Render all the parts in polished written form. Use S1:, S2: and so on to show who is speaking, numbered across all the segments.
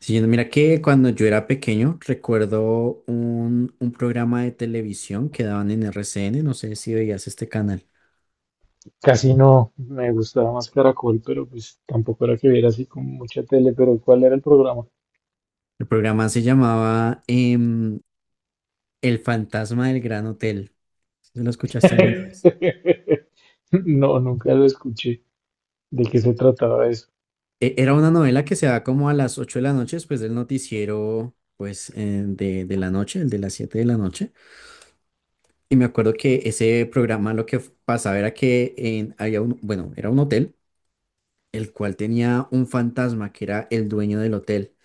S1: Sí, mira que cuando yo era pequeño recuerdo un programa de televisión que daban en RCN, no sé si veías este canal.
S2: Casi no, me gustaba más Caracol, pero pues tampoco era que viera así como mucha tele, pero ¿cuál era el programa?
S1: El programa se llamaba El fantasma del Gran Hotel. ¿Sí? ¿Lo escuchaste alguna vez?
S2: No, nunca lo escuché. ¿De qué se trataba eso?
S1: Era una novela que se daba como a las 8 de la noche después del noticiero pues de la noche, el de las 7 de la noche. Y me acuerdo que ese programa lo que pasaba era que había un, bueno, era un hotel, el cual tenía un fantasma que era el dueño del hotel.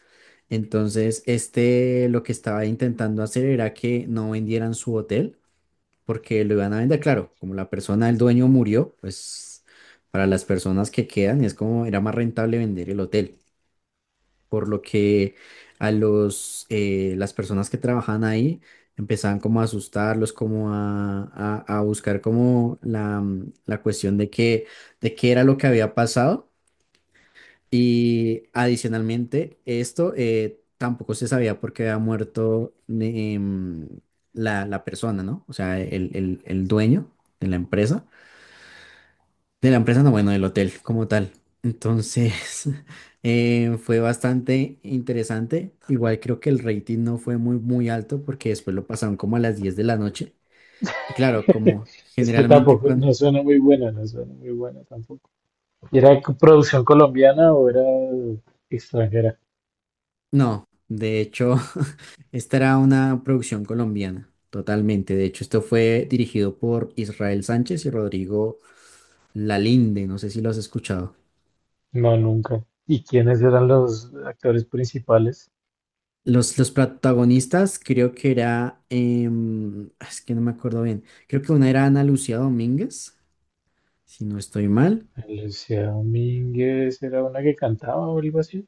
S1: Entonces, este lo que estaba intentando hacer era que no vendieran su hotel, porque lo iban a vender, claro, como la persona, el dueño murió, pues para las personas que quedan es como era más rentable vender el hotel, por lo que a los, las personas que trabajaban ahí empezaban como a asustarlos, como a buscar como la cuestión de qué era lo que había pasado y adicionalmente, esto tampoco se sabía por qué había muerto la persona, ¿no? O sea, el dueño de la empresa. De la empresa, no, bueno, del hotel como tal. Entonces, fue bastante interesante. Igual creo que el rating no fue muy alto porque después lo pasaron como a las 10 de la noche. Y claro, como
S2: Es que
S1: generalmente
S2: tampoco,
S1: cuando...
S2: no suena muy buena, no suena muy buena tampoco. ¿Era co- producción colombiana o era extranjera?
S1: No, de hecho, esta era una producción colombiana, totalmente. De hecho, esto fue dirigido por Israel Sánchez y Rodrigo Lalinde, no sé si lo has escuchado.
S2: No, nunca. ¿Y quiénes eran los actores principales?
S1: Los protagonistas creo que era, es que no me acuerdo bien, creo que una era Ana Lucía Domínguez, si no estoy mal.
S2: Lucía Domínguez era una que cantaba o algo así.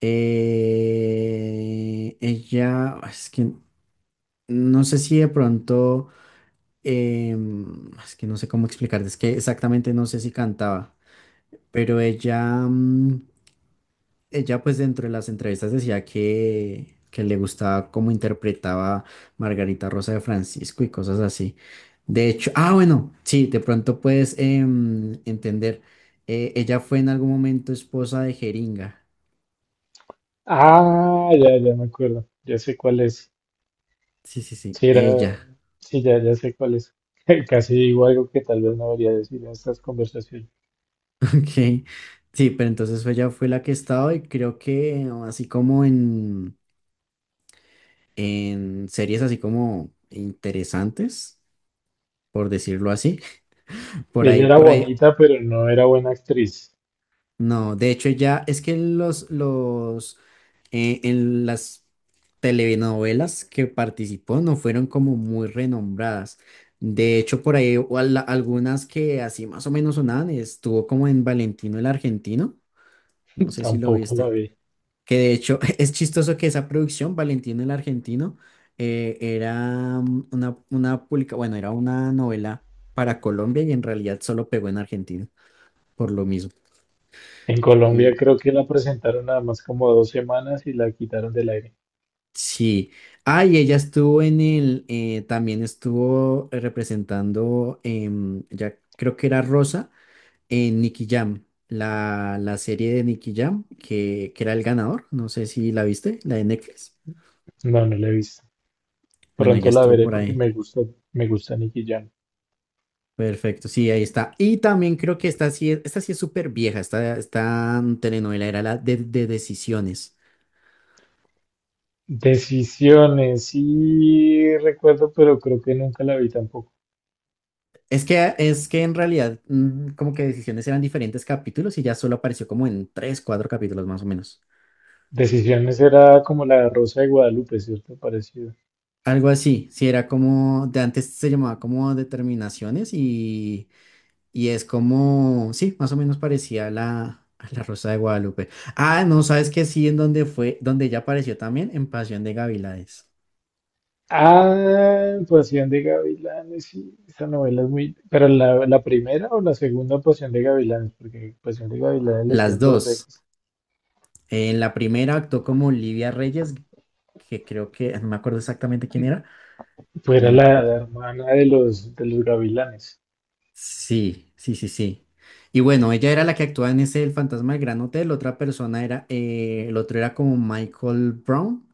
S1: Es que no sé si de pronto, es que no sé cómo explicarte, es que exactamente no sé si cantaba. Pero ella, ella pues dentro de las entrevistas decía que le gustaba cómo interpretaba Margarita Rosa de Francisco y cosas así. De hecho, bueno, sí, de pronto puedes entender. Ella fue en algún momento esposa de Jeringa.
S2: Ah, ya, ya me acuerdo. Ya sé cuál es.
S1: Sí, sí, sí,
S2: Sí, era,
S1: ella.
S2: sí, ya, ya sé cuál es. Casi digo algo que tal vez no debería decir en estas conversaciones.
S1: Ok. Sí, pero entonces ella fue la que estaba y creo que así como en series así como interesantes, por decirlo así. Por
S2: Ella
S1: ahí,
S2: era
S1: por ahí.
S2: bonita, pero no era buena actriz.
S1: No, de hecho ya es que en las telenovelas que participó no fueron como muy renombradas. De hecho, por ahí o algunas que así más o menos sonaban, estuvo como en Valentino el Argentino, no sé si lo
S2: Tampoco la
S1: viste.
S2: vi.
S1: Que de hecho es chistoso que esa producción, Valentino el Argentino, era una publica, bueno, era una novela para Colombia y en realidad solo pegó en Argentina, por lo mismo.
S2: En Colombia creo que la presentaron nada más como 2 semanas y la quitaron del aire.
S1: Sí. Ah, y ella estuvo en también estuvo representando, ya creo que era Rosa, en Nicky Jam, la serie de Nicky Jam, que era el ganador, no sé si la viste, la de Netflix.
S2: No, no la he visto.
S1: Bueno, ella
S2: Pronto la
S1: estuvo
S2: veré
S1: por
S2: porque
S1: ahí.
S2: me gusta Nicky Jam.
S1: Perfecto, sí, ahí está. Y también creo que esta sí, esta sí es súper vieja, esta telenovela era la de Decisiones.
S2: Decisiones, sí recuerdo, pero creo que nunca la vi tampoco.
S1: Es que en realidad como que Decisiones eran diferentes capítulos y ya solo apareció como en tres, cuatro capítulos más o menos.
S2: Decisiones era como la Rosa de Guadalupe, ¿cierto? Parecido.
S1: Algo así, sí, era como, de antes se llamaba como determinaciones y es como, sí, más o menos parecía a a la Rosa de Guadalupe. Ah, no, ¿sabes que sí, en donde fue, donde ella apareció también, en Pasión de Gavilanes.
S2: Ah, Pasión de Gavilanes, sí, esa novela es muy... ¿Pero la primera o la segunda Pasión de Gavilanes? Porque Pasión de Gavilanes le
S1: Las
S2: hicieron dos
S1: dos.
S2: veces.
S1: En la primera actuó como Olivia Reyes, que creo que, no me acuerdo exactamente quién era,
S2: Pues
S1: y
S2: era
S1: en otra.
S2: la hermana de los Gavilanes.
S1: Sí, sí, sí, sí. Y bueno, ella era la que actuaba en ese El Fantasma del Gran Hotel, otra persona era, el otro era como Michael Brown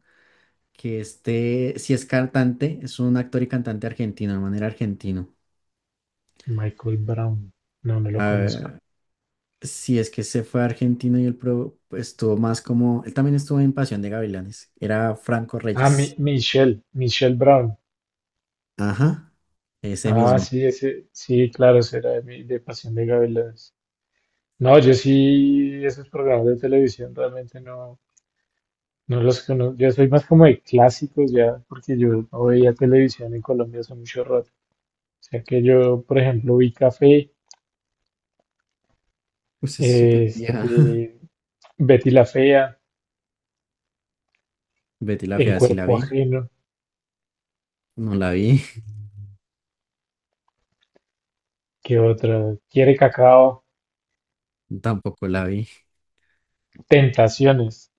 S1: que este, si es cantante, es un actor y cantante argentino, de manera argentino.
S2: Michael Brown. No, no lo conozco.
S1: Ah, si es que se fue a Argentina y él estuvo más como, él también estuvo en Pasión de Gavilanes, era Franco
S2: Ah, Mi-
S1: Reyes.
S2: Michelle, Michelle Brown.
S1: Ajá, ese
S2: Ah,
S1: mismo.
S2: sí, ese, sí, claro, será de Pasión de Gavilanes. No, yo sí, esos programas de televisión realmente no, no los conozco. Yo soy más como de clásicos ya, porque yo no veía televisión en Colombia hace mucho rato. O sea que yo, por ejemplo, vi Café,
S1: Pues es súper vieja.
S2: este, Betty la Fea,
S1: Betty la
S2: En
S1: Fea sí la
S2: Cuerpo
S1: vi,
S2: Ajeno,
S1: no la vi,
S2: ¿qué otra? Quiere Cacao,
S1: tampoco la vi,
S2: Tentaciones.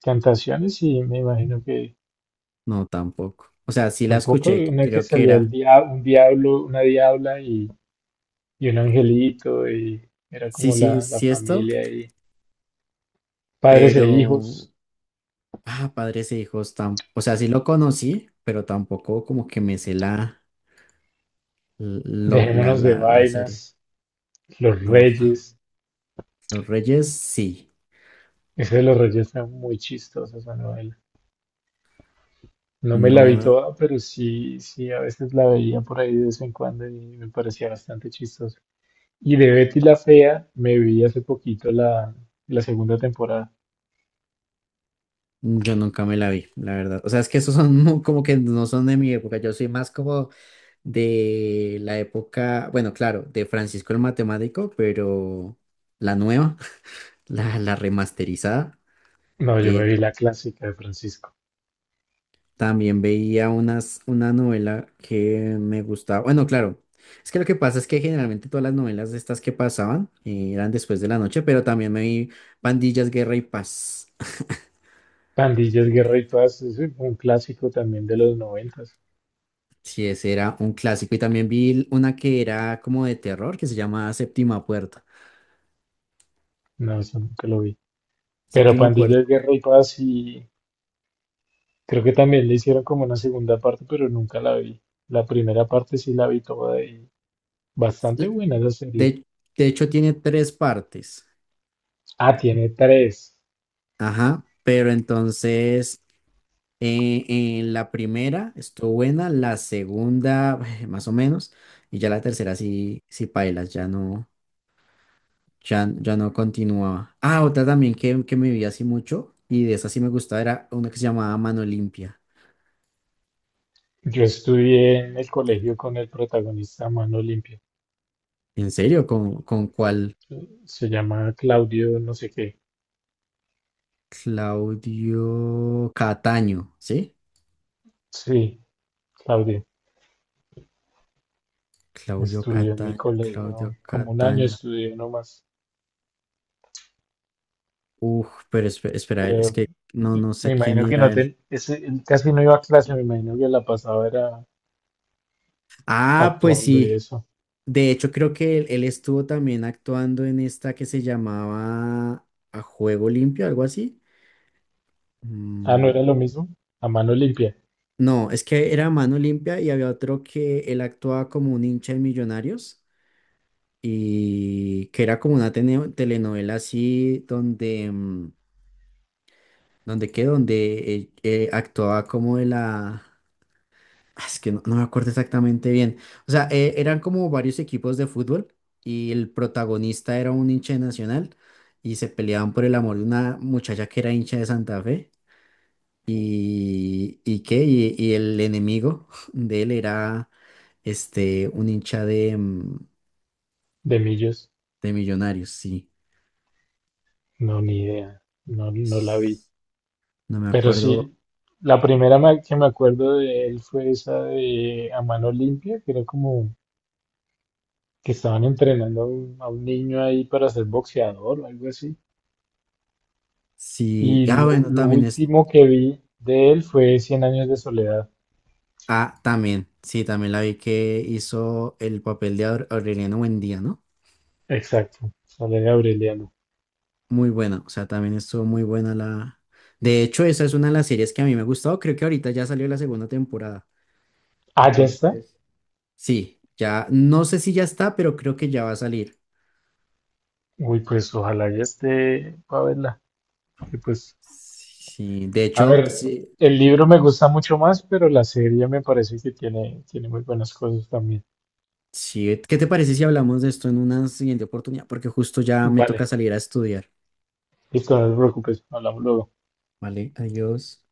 S2: Tentaciones, y me imagino que
S1: no tampoco. O sea, sí la
S2: tampoco
S1: escuché,
S2: una que
S1: creo que
S2: salía
S1: era,
S2: un diablo, una diabla y un angelito, y era
S1: sí,
S2: como
S1: sí,
S2: la
S1: sí esto,
S2: familia y padres e
S1: pero
S2: hijos,
S1: ah, Padres e Hijos, o sea, sí lo conocí, pero tampoco como que me sé la,
S2: Dejémonos de
S1: la serie.
S2: vainas, Los
S1: No,
S2: Reyes.
S1: Los Reyes sí,
S2: Ese de los Reyes está muy chistosa esa novela. No me la vi
S1: no,
S2: toda, pero sí, sí, a veces la veía por ahí de vez en cuando y me parecía bastante chistosa. Y de Betty la Fea me vi hace poquito la segunda temporada.
S1: yo nunca me la vi, la verdad. O sea, es que esos son como que no son de mi época, yo soy más como de la época, bueno, claro, de Francisco el Matemático, pero la nueva, la remasterizada.
S2: No, yo me vi
S1: eh,
S2: la clásica de Francisco.
S1: También veía una novela que me gustaba. Bueno, claro, es que lo que pasa es que generalmente todas las novelas estas que pasaban eran después de la noche, pero también me vi Pandillas, Guerra y Paz.
S2: Pandillas, Guerra y Paz es un clásico también de los noventas.
S1: Sí, ese era un clásico. Y también vi una que era como de terror, que se llamaba Séptima Puerta.
S2: No, eso nunca lo vi. Pero
S1: Séptima Puerta.
S2: Pandillas, Guerra y Paz sí, creo que también le hicieron como una segunda parte, pero nunca la vi. La primera parte sí la vi toda y bastante
S1: l-
S2: buena esa serie.
S1: De, de hecho, tiene tres partes.
S2: Ah, tiene tres.
S1: Ajá. Pero entonces en la primera estuvo buena, la segunda más o menos, y ya la tercera sí, sí pailas, ya no, ya no continuaba. Ah, otra también que me vi así mucho, y de esa sí me gustaba, era una que se llamaba Mano Limpia.
S2: Yo estudié en el colegio con el protagonista a Mano Limpia.
S1: ¿En serio? Con cuál?
S2: Se llama Claudio, no sé qué.
S1: Claudio Cataño, ¿sí?
S2: Sí, Claudio.
S1: Claudio
S2: Estudió en mi
S1: Cataño, Claudio
S2: colegio como 1 año,
S1: Cataño.
S2: estudió nomás.
S1: Uf, pero espera, es
S2: Pero
S1: que no, no
S2: me
S1: sé quién
S2: imagino que no
S1: era él.
S2: te, ese, él casi no iba a clase, me imagino que la pasaba era
S1: Ah, pues
S2: actuando y
S1: sí.
S2: eso.
S1: De hecho, creo que él estuvo también actuando en esta que se llamaba A Juego Limpio, algo así.
S2: Ah, no
S1: Mm,
S2: era lo mismo. A mano limpia,
S1: no, es que era Mano Limpia y había otro que él actuaba como un hincha de Millonarios y que era como una telenovela así donde, donde qué, donde actuaba como de la. Ah, es que no, no me acuerdo exactamente bien. O sea, eran como varios equipos de fútbol y el protagonista era un hincha de Nacional y se peleaban por el amor de una muchacha que era hincha de Santa Fe y qué, y el enemigo de él era este, un hincha de,
S2: de millos.
S1: de Millonarios, sí.
S2: No, ni idea. No, no la vi.
S1: S- No me
S2: Pero
S1: acuerdo
S2: sí, la primera que me acuerdo de él fue esa de A Mano Limpia, que era como que estaban entrenando a un, niño ahí para ser boxeador o algo así.
S1: si...
S2: Y
S1: Ah,
S2: lo,
S1: bueno,
S2: lo
S1: también es...
S2: último que vi de él fue Cien años de soledad.
S1: Ah, también, sí, también la vi que hizo el papel de Aureliano Buendía, ¿no?
S2: Exacto, Soledad Aureliano.
S1: Muy buena, o sea, también estuvo muy buena la... De hecho, esa es una de las series que a mí me ha gustado, creo que ahorita ya salió la segunda temporada.
S2: Ah, ya está.
S1: Entonces, sí, ya, no sé si ya está, pero creo que ya va a salir.
S2: Uy, pues ojalá ya esté para verla. Porque, pues,
S1: Sí, de
S2: a
S1: hecho,
S2: ver,
S1: sí,
S2: el libro me gusta mucho más, pero la serie me parece que tiene muy buenas cosas también.
S1: sí, ¿qué te parece si hablamos de esto en una siguiente oportunidad? Porque justo ya me toca
S2: Vale,
S1: salir a estudiar.
S2: listo, no te preocupes, hablamos luego.
S1: Vale, adiós.